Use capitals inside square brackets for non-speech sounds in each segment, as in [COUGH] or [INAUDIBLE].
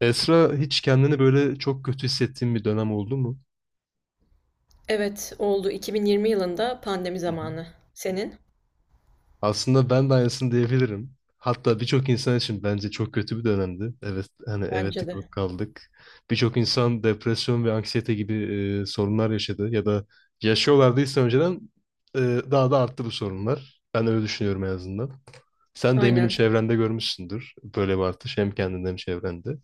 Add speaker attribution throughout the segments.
Speaker 1: Esra hiç kendini böyle çok kötü hissettiğin bir dönem oldu mu?
Speaker 2: Evet, oldu. 2020 yılında pandemi
Speaker 1: Hı hı.
Speaker 2: zamanı. Senin?
Speaker 1: Aslında ben de aynısını diyebilirim. Hatta birçok insan için bence çok kötü bir dönemdi. Evet, hani evet
Speaker 2: Bence de.
Speaker 1: tıkanıp kaldık. Birçok insan depresyon ve anksiyete gibi sorunlar yaşadı ya da yaşıyorlardıysa önceden e, daha da arttı bu sorunlar. Ben öyle düşünüyorum en azından. Sen de eminim
Speaker 2: Aynen.
Speaker 1: çevrende görmüşsündür böyle bir artış hem kendinde hem çevrende.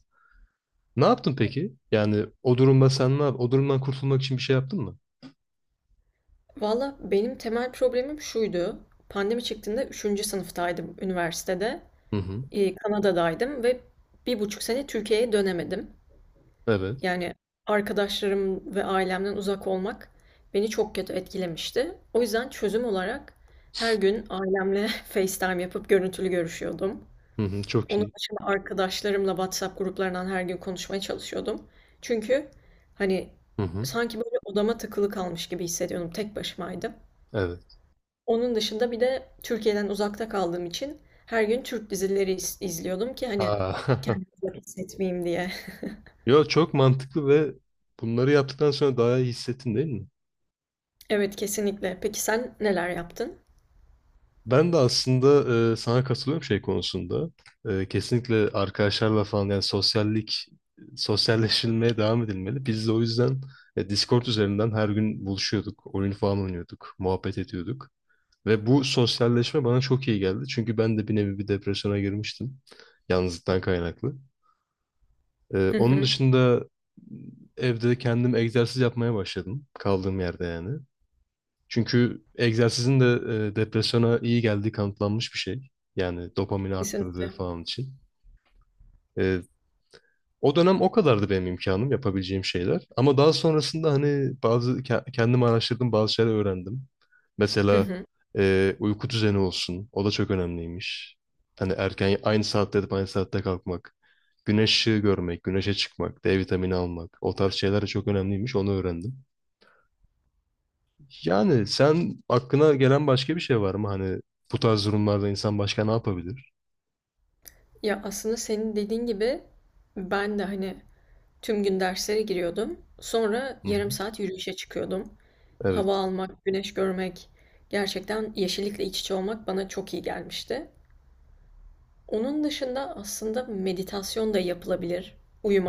Speaker 1: Ne yaptın peki? Yani o durumda sen ne yap? O durumdan kurtulmak için bir şey yaptın mı?
Speaker 2: Valla benim temel problemim şuydu. Pandemi çıktığında üçüncü sınıftaydım üniversitede.
Speaker 1: Hı hı.
Speaker 2: Kanada'daydım ve bir buçuk sene Türkiye'ye dönemedim.
Speaker 1: Evet.
Speaker 2: Yani arkadaşlarım ve ailemden uzak olmak beni çok kötü etkilemişti. O yüzden çözüm olarak her gün ailemle [LAUGHS] FaceTime yapıp görüntülü görüşüyordum.
Speaker 1: Hı hı, çok
Speaker 2: Onun
Speaker 1: iyi.
Speaker 2: dışında arkadaşlarımla WhatsApp gruplarından her gün konuşmaya çalışıyordum. Çünkü hani
Speaker 1: Hı hı,
Speaker 2: sanki böyle odama tıkılı kalmış gibi hissediyordum. Tek başımaydım.
Speaker 1: evet.
Speaker 2: Onun dışında bir de Türkiye'den uzakta kaldığım için her gün Türk dizileri izliyordum ki hani
Speaker 1: Aa, [LAUGHS]
Speaker 2: kendimi uzak hissetmeyeyim diye. [LAUGHS]
Speaker 1: yo, çok mantıklı ve bunları yaptıktan sonra daha iyi hissettin değil mi?
Speaker 2: Evet kesinlikle. Peki sen neler yaptın?
Speaker 1: Ben de aslında sana katılıyorum şey konusunda. Kesinlikle arkadaşlarla falan, yani sosyallik, sosyalleşilmeye devam edilmeli. Biz de o yüzden Discord üzerinden her gün buluşuyorduk, oyun falan oynuyorduk, muhabbet ediyorduk. Ve bu sosyalleşme bana çok iyi geldi. Çünkü ben de bir nevi bir depresyona girmiştim. Yalnızlıktan kaynaklı.
Speaker 2: Hı
Speaker 1: Onun
Speaker 2: hı.
Speaker 1: dışında evde kendim egzersiz yapmaya başladım, kaldığım yerde yani. Çünkü egzersizin de depresyona iyi geldiği kanıtlanmış bir şey. Yani dopamini arttırdığı
Speaker 2: Kesinlikle.
Speaker 1: falan için. E, O dönem o kadardı benim imkanım, yapabileceğim şeyler. Ama daha sonrasında hani bazı kendim araştırdım, bazı şeyler öğrendim.
Speaker 2: Hı
Speaker 1: Mesela
Speaker 2: hı.
Speaker 1: uyku düzeni olsun. O da çok önemliymiş. Hani erken, aynı saatte yatıp aynı saatte kalkmak. Güneş ışığı görmek, güneşe çıkmak, D vitamini almak. O tarz şeyler de çok önemliymiş. Onu öğrendim. Yani sen, aklına gelen başka bir şey var mı? Hani bu tarz durumlarda insan başka ne yapabilir?
Speaker 2: Ya aslında senin dediğin gibi ben de hani tüm gün derslere giriyordum. Sonra
Speaker 1: Hı hı.
Speaker 2: yarım saat yürüyüşe çıkıyordum. Hava
Speaker 1: Evet.
Speaker 2: almak, güneş görmek, gerçekten yeşillikle iç içe olmak bana çok iyi gelmişti. Onun dışında aslında meditasyon da yapılabilir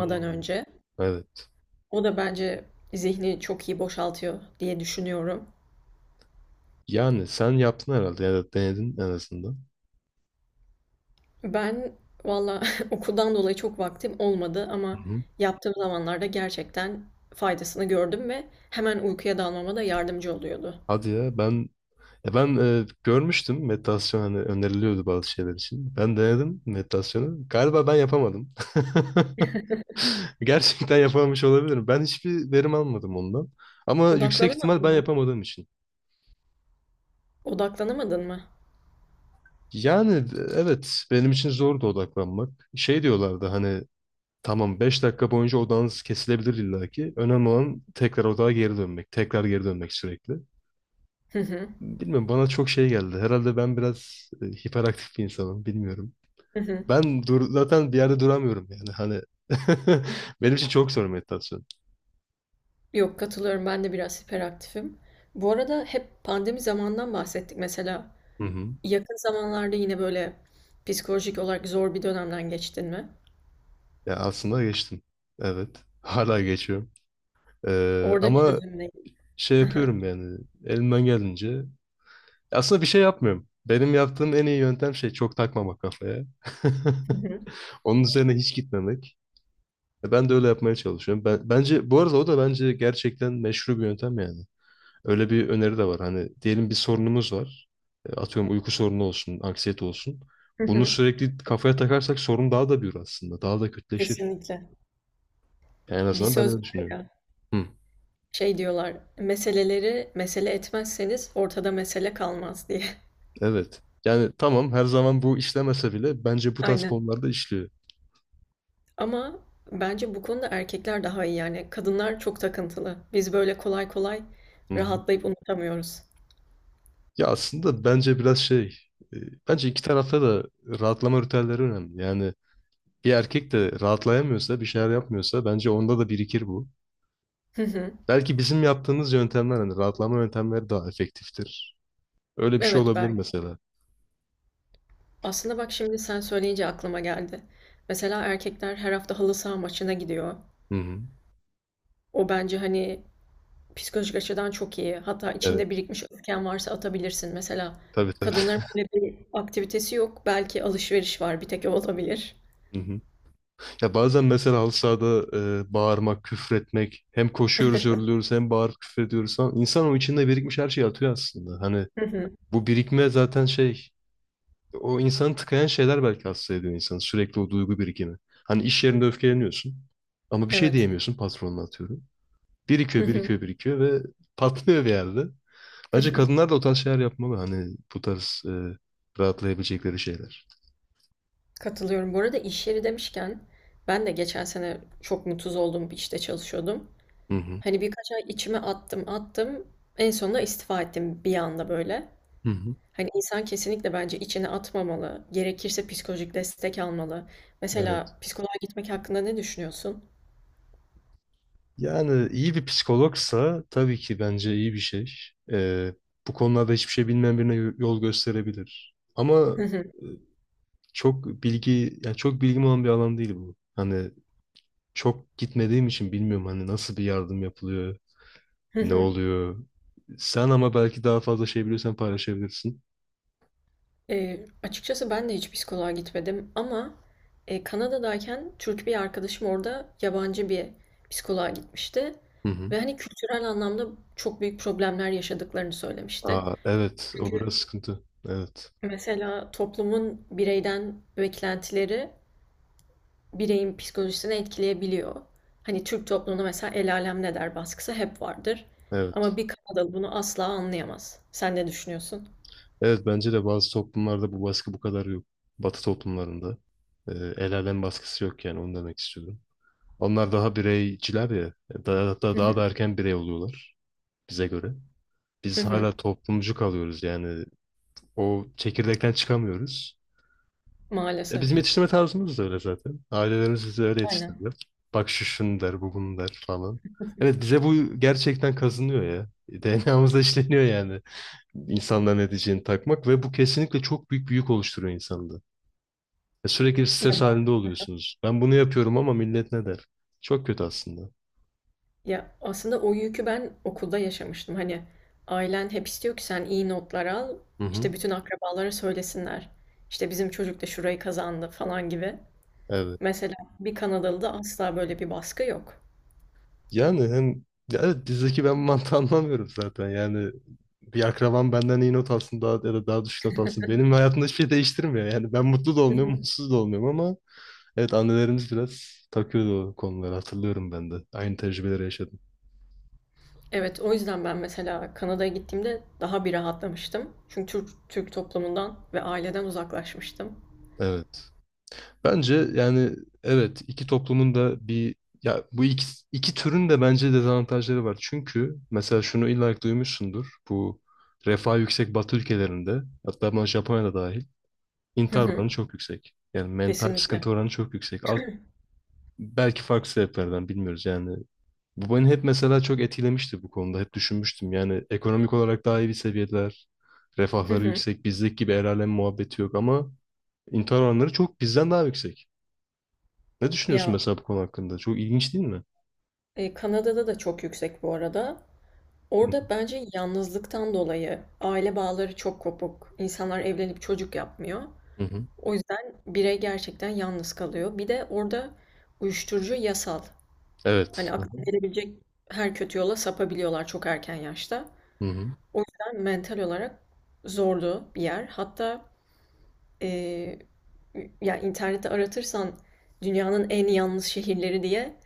Speaker 1: Hı hı.
Speaker 2: önce.
Speaker 1: Evet.
Speaker 2: O da bence zihni çok iyi boşaltıyor diye düşünüyorum.
Speaker 1: Yani sen yaptın herhalde ya da denedin en azından.
Speaker 2: Ben valla [LAUGHS] okuldan dolayı çok vaktim olmadı
Speaker 1: Hı
Speaker 2: ama
Speaker 1: hı.
Speaker 2: yaptığım zamanlarda gerçekten faydasını gördüm ve hemen uykuya dalmama da yardımcı oluyordu.
Speaker 1: Hadi ya, ben görmüştüm meditasyon, hani öneriliyordu bazı şeyler için. Ben denedim meditasyonu. Galiba ben yapamadım. [LAUGHS] Gerçekten yapamamış olabilirim. Ben hiçbir verim almadım ondan. Ama yüksek ihtimal
Speaker 2: Odaklanamadım
Speaker 1: ben
Speaker 2: mı?
Speaker 1: yapamadığım için.
Speaker 2: Odaklanamadın mı?
Speaker 1: Yani evet, benim için zordu odaklanmak. Şey diyorlardı, hani tamam, 5 dakika boyunca odağınız kesilebilir illaki. Önemli olan tekrar odağa geri dönmek. Tekrar geri dönmek sürekli.
Speaker 2: Hı hı.
Speaker 1: Bilmiyorum, bana çok şey geldi. Herhalde ben biraz hiperaktif bir insanım. Bilmiyorum.
Speaker 2: Hı hı.
Speaker 1: Ben dur zaten, bir yerde duramıyorum yani. Hani [LAUGHS] benim için çok zor meditasyon.
Speaker 2: Yok, katılıyorum, ben de biraz hiperaktifim. Bu arada hep pandemi zamandan bahsettik mesela.
Speaker 1: Hı hı.
Speaker 2: Yakın zamanlarda yine böyle psikolojik olarak zor bir dönemden geçtin mi?
Speaker 1: Ya aslında geçtim. Evet. Hala geçiyorum.
Speaker 2: Orada
Speaker 1: Ama
Speaker 2: çözüm ne?
Speaker 1: şey
Speaker 2: Hı hı.
Speaker 1: yapıyorum yani elimden geldiğince. Aslında bir şey yapmıyorum. Benim yaptığım en iyi yöntem şey, çok takmamak kafaya. [LAUGHS]
Speaker 2: Hı hı.
Speaker 1: Onun üzerine hiç gitmemek. Ben de öyle yapmaya çalışıyorum. Ben, bence bu arada o da bence gerçekten meşru bir yöntem yani. Öyle bir öneri de var. Hani diyelim bir sorunumuz var. Atıyorum, uyku sorunu olsun, anksiyete olsun.
Speaker 2: Hı
Speaker 1: Bunu
Speaker 2: hı.
Speaker 1: sürekli kafaya takarsak sorun daha da büyür aslında. Daha da kötüleşir.
Speaker 2: Kesinlikle.
Speaker 1: Yani en
Speaker 2: Bir
Speaker 1: azından ben
Speaker 2: söz
Speaker 1: öyle
Speaker 2: var
Speaker 1: düşünüyorum.
Speaker 2: ya,
Speaker 1: Hı,
Speaker 2: şey diyorlar, meseleleri mesele etmezseniz ortada mesele kalmaz diye.
Speaker 1: evet. Yani tamam, her zaman bu işlemese bile bence
Speaker 2: [LAUGHS]
Speaker 1: bu tarz
Speaker 2: Aynen.
Speaker 1: konularda işliyor.
Speaker 2: Ama bence bu konuda erkekler daha iyi yani. Kadınlar çok takıntılı. Biz böyle kolay kolay
Speaker 1: Hı hı.
Speaker 2: rahatlayıp unutamıyoruz.
Speaker 1: Ya aslında bence biraz şey, e, bence iki tarafta da rahatlama ritüelleri önemli. Yani bir erkek de rahatlayamıyorsa, bir şeyler yapmıyorsa bence onda da birikir bu.
Speaker 2: Hı hı.
Speaker 1: Belki bizim yaptığımız yöntemler, hani rahatlama yöntemleri daha efektiftir. Öyle bir şey
Speaker 2: Evet
Speaker 1: olabilir
Speaker 2: belki.
Speaker 1: mesela.
Speaker 2: Aslında bak şimdi sen söyleyince aklıma geldi. Mesela erkekler her hafta halı saha maçına gidiyor.
Speaker 1: Hı hı.
Speaker 2: O bence hani psikolojik açıdan çok iyi. Hatta içinde
Speaker 1: Evet.
Speaker 2: birikmiş öfken varsa atabilirsin. Mesela
Speaker 1: Tabii, tabii.
Speaker 2: kadınların böyle bir aktivitesi yok. Belki alışveriş var. Bir tek o olabilir.
Speaker 1: [LAUGHS] Hı hı. Ya bazen mesela halı sahada bağırmak, küfretmek, hem koşuyoruz, yoruluyoruz, hem bağırıp küfrediyoruz falan. İnsan o içinde birikmiş her şeyi atıyor aslında. Hani
Speaker 2: Hı hı.
Speaker 1: bu birikme zaten şey, o insanı tıkayan şeyler belki hasta ediyor insanı. Sürekli o duygu birikimi. Hani iş yerinde öfkeleniyorsun ama bir şey
Speaker 2: Evet.
Speaker 1: diyemiyorsun patronuna, atıyorum. Birikiyor, birikiyor,
Speaker 2: [LAUGHS]
Speaker 1: birikiyor ve [LAUGHS] patlıyor bir yerde. Bence kadınlar da o tarz şeyler yapmalı. Hani bu tarz rahatlayabilecekleri şeyler.
Speaker 2: Katılıyorum. Bu arada iş yeri demişken ben de geçen sene çok mutsuz olduğum bir işte çalışıyordum.
Speaker 1: Hı hı.
Speaker 2: Hani birkaç ay içime attım attım. En sonunda istifa ettim bir anda böyle.
Speaker 1: Hı hı.
Speaker 2: Hani insan kesinlikle bence içine atmamalı. Gerekirse psikolojik destek almalı.
Speaker 1: Evet.
Speaker 2: Mesela psikoloğa gitmek hakkında ne düşünüyorsun?
Speaker 1: Yani iyi bir psikologsa tabii ki bence iyi bir şey. Ee, Bu konularda hiçbir şey bilmeyen birine yol gösterebilir. Ama e,
Speaker 2: [LAUGHS]
Speaker 1: çok bilgi, yani çok bilgim olan bir alan değil bu. Hani çok gitmediğim için bilmiyorum hani nasıl bir yardım yapılıyor, ne oluyor. Sen ama belki daha fazla şey biliyorsan paylaşabilirsin.
Speaker 2: Açıkçası ben de hiç psikoloğa gitmedim ama Kanada'dayken Türk bir arkadaşım orada yabancı bir psikoloğa gitmişti.
Speaker 1: Hı hı.
Speaker 2: Ve hani kültürel anlamda çok büyük problemler yaşadıklarını söylemişti.
Speaker 1: Aa, evet, o biraz
Speaker 2: Çünkü
Speaker 1: sıkıntı. Evet,
Speaker 2: mesela toplumun bireyden beklentileri bireyin psikolojisini etkileyebiliyor. Hani Türk toplumunda mesela el alem ne der baskısı hep vardır. Ama
Speaker 1: evet.
Speaker 2: bir Kanadalı bunu asla anlayamaz. Sen ne düşünüyorsun?
Speaker 1: Evet, bence de bazı toplumlarda bu baskı bu kadar yok. Batı toplumlarında. Ee, El alem baskısı yok yani, onu demek istiyorum. Onlar daha bireyciler ya. Daha, hatta daha da
Speaker 2: [LAUGHS]
Speaker 1: erken birey oluyorlar bize göre.
Speaker 2: Hı
Speaker 1: Biz
Speaker 2: hı.
Speaker 1: hala toplumcu kalıyoruz yani. O çekirdekten çıkamıyoruz.
Speaker 2: Maalesef.
Speaker 1: Bizim yetiştirme tarzımız da öyle zaten. Ailelerimiz bizi öyle
Speaker 2: Aynen.
Speaker 1: yetiştirdiler. Bak, şu şunu der, bu bunu der falan. Evet, bize bu gerçekten kazınıyor ya. DNA'mızda işleniyor yani. İnsanların ne diyeceğini takmak ve bu kesinlikle çok büyük bir yük oluşturuyor insanda. Sürekli
Speaker 2: Ya
Speaker 1: stres halinde oluyorsunuz. Ben bunu yapıyorum ama millet ne der? Çok kötü aslında.
Speaker 2: Ya, aslında o yükü ben okulda yaşamıştım. Hani ailen hep istiyor ki sen iyi notlar al,
Speaker 1: Hı hı.
Speaker 2: işte bütün akrabalara söylesinler. İşte bizim çocuk da şurayı kazandı falan gibi.
Speaker 1: Evet.
Speaker 2: Mesela bir Kanadalı'da asla böyle bir baskı yok.
Speaker 1: Yani hem, ya evet, dizideki ben [LAUGHS] mantığı anlamıyorum zaten. Yani bir akrabam benden iyi not alsın daha, ya da daha düşük not alsın. Benim hayatımda hiçbir şey değiştirmiyor. Yani ben mutlu da
Speaker 2: Hı
Speaker 1: olmuyorum,
Speaker 2: hı.
Speaker 1: mutsuz da olmuyorum ama evet, annelerimiz biraz takıyordu o konuları, hatırlıyorum ben de. Aynı tecrübeleri yaşadım.
Speaker 2: Evet, o yüzden ben mesela Kanada'ya gittiğimde daha bir rahatlamıştım. Çünkü Türk, Türk toplumundan ve aileden uzaklaşmıştım.
Speaker 1: Evet. Bence yani evet, iki toplumun da bir, ya bu iki, iki türün de bence dezavantajları var. Çünkü mesela şunu illa ki duymuşsundur. Bu refah yüksek Batı ülkelerinde, hatta buna Japonya'da dahil,
Speaker 2: Hı
Speaker 1: intihar
Speaker 2: hı,
Speaker 1: oranı çok yüksek. Yani mental
Speaker 2: kesinlikle.
Speaker 1: sıkıntı oranı çok yüksek. Belki farklı sebeplerden, bilmiyoruz yani. Bu beni hep mesela çok etkilemişti bu konuda. Hep düşünmüştüm. Yani ekonomik olarak daha iyi bir seviyeler,
Speaker 2: Hı
Speaker 1: refahları
Speaker 2: hı.
Speaker 1: yüksek, bizdeki gibi el alem muhabbeti yok ama intihar oranları çok bizden daha yüksek. Ne düşünüyorsun
Speaker 2: Ya
Speaker 1: mesela bu konu hakkında? Çok ilginç değil mi?
Speaker 2: Kanada'da da çok yüksek bu arada.
Speaker 1: Hı hı.
Speaker 2: Orada bence yalnızlıktan dolayı aile bağları çok kopuk. İnsanlar evlenip çocuk yapmıyor.
Speaker 1: Hı hı.
Speaker 2: O yüzden birey gerçekten yalnız kalıyor. Bir de orada uyuşturucu yasal.
Speaker 1: Evet.
Speaker 2: Hani
Speaker 1: Hı hı.
Speaker 2: aklına gelebilecek her kötü yola sapabiliyorlar çok erken yaşta.
Speaker 1: Hı hı.
Speaker 2: O yüzden mental olarak zorlu bir yer. Hatta eee, ya internette aratırsan dünyanın en yalnız şehirleri diye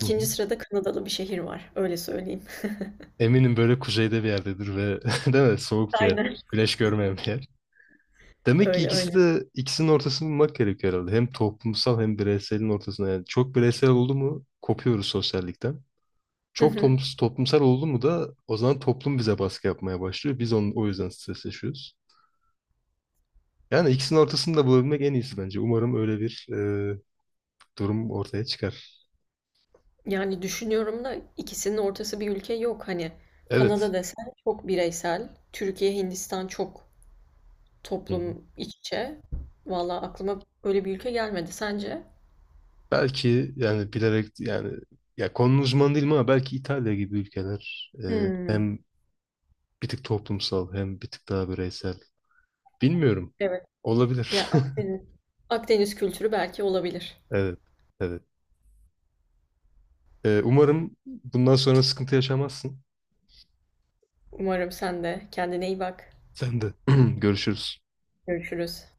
Speaker 1: Hı hı.
Speaker 2: sırada Kanadalı bir şehir var. Öyle söyleyeyim.
Speaker 1: Eminim böyle kuzeyde bir yerdedir ve [LAUGHS] değil mi? Soğuk bir
Speaker 2: [LAUGHS] Aynen.
Speaker 1: yerdir. Güneş görmeyen bir yer. Demek ki
Speaker 2: Öyle
Speaker 1: ikisi
Speaker 2: öyle.
Speaker 1: de, ikisinin ortasını bulmak gerekiyor herhalde. Hem toplumsal hem bireyselin ortasına. Yani çok bireysel oldu mu kopuyoruz sosyallikten. Çok
Speaker 2: [LAUGHS]
Speaker 1: toplumsal oldu mu da o zaman toplum bize baskı yapmaya başlıyor. Biz onun, o yüzden stres yaşıyoruz. Yani ikisinin ortasını da bulabilmek en iyisi bence. Umarım öyle bir durum ortaya çıkar.
Speaker 2: Yani düşünüyorum da ikisinin ortası bir ülke yok. Hani
Speaker 1: Evet.
Speaker 2: Kanada desen çok bireysel, Türkiye, Hindistan çok
Speaker 1: Hı.
Speaker 2: toplum iç içe. Valla aklıma böyle bir ülke gelmedi. Sence?
Speaker 1: Belki yani bilerek yani, ya konunun uzmanı değilim ama belki İtalya gibi ülkeler
Speaker 2: Hmm,
Speaker 1: hem bir tık toplumsal hem bir tık daha bireysel. Bilmiyorum.
Speaker 2: evet. Ya
Speaker 1: Olabilir. [LAUGHS]
Speaker 2: Akdeniz. Akdeniz kültürü belki olabilir.
Speaker 1: Evet. Evet. Umarım bundan sonra sıkıntı yaşamazsın.
Speaker 2: Umarım sen de kendine iyi bak.
Speaker 1: Sen de. [CLEARS THROAT] Görüşürüz.
Speaker 2: Görüşürüz.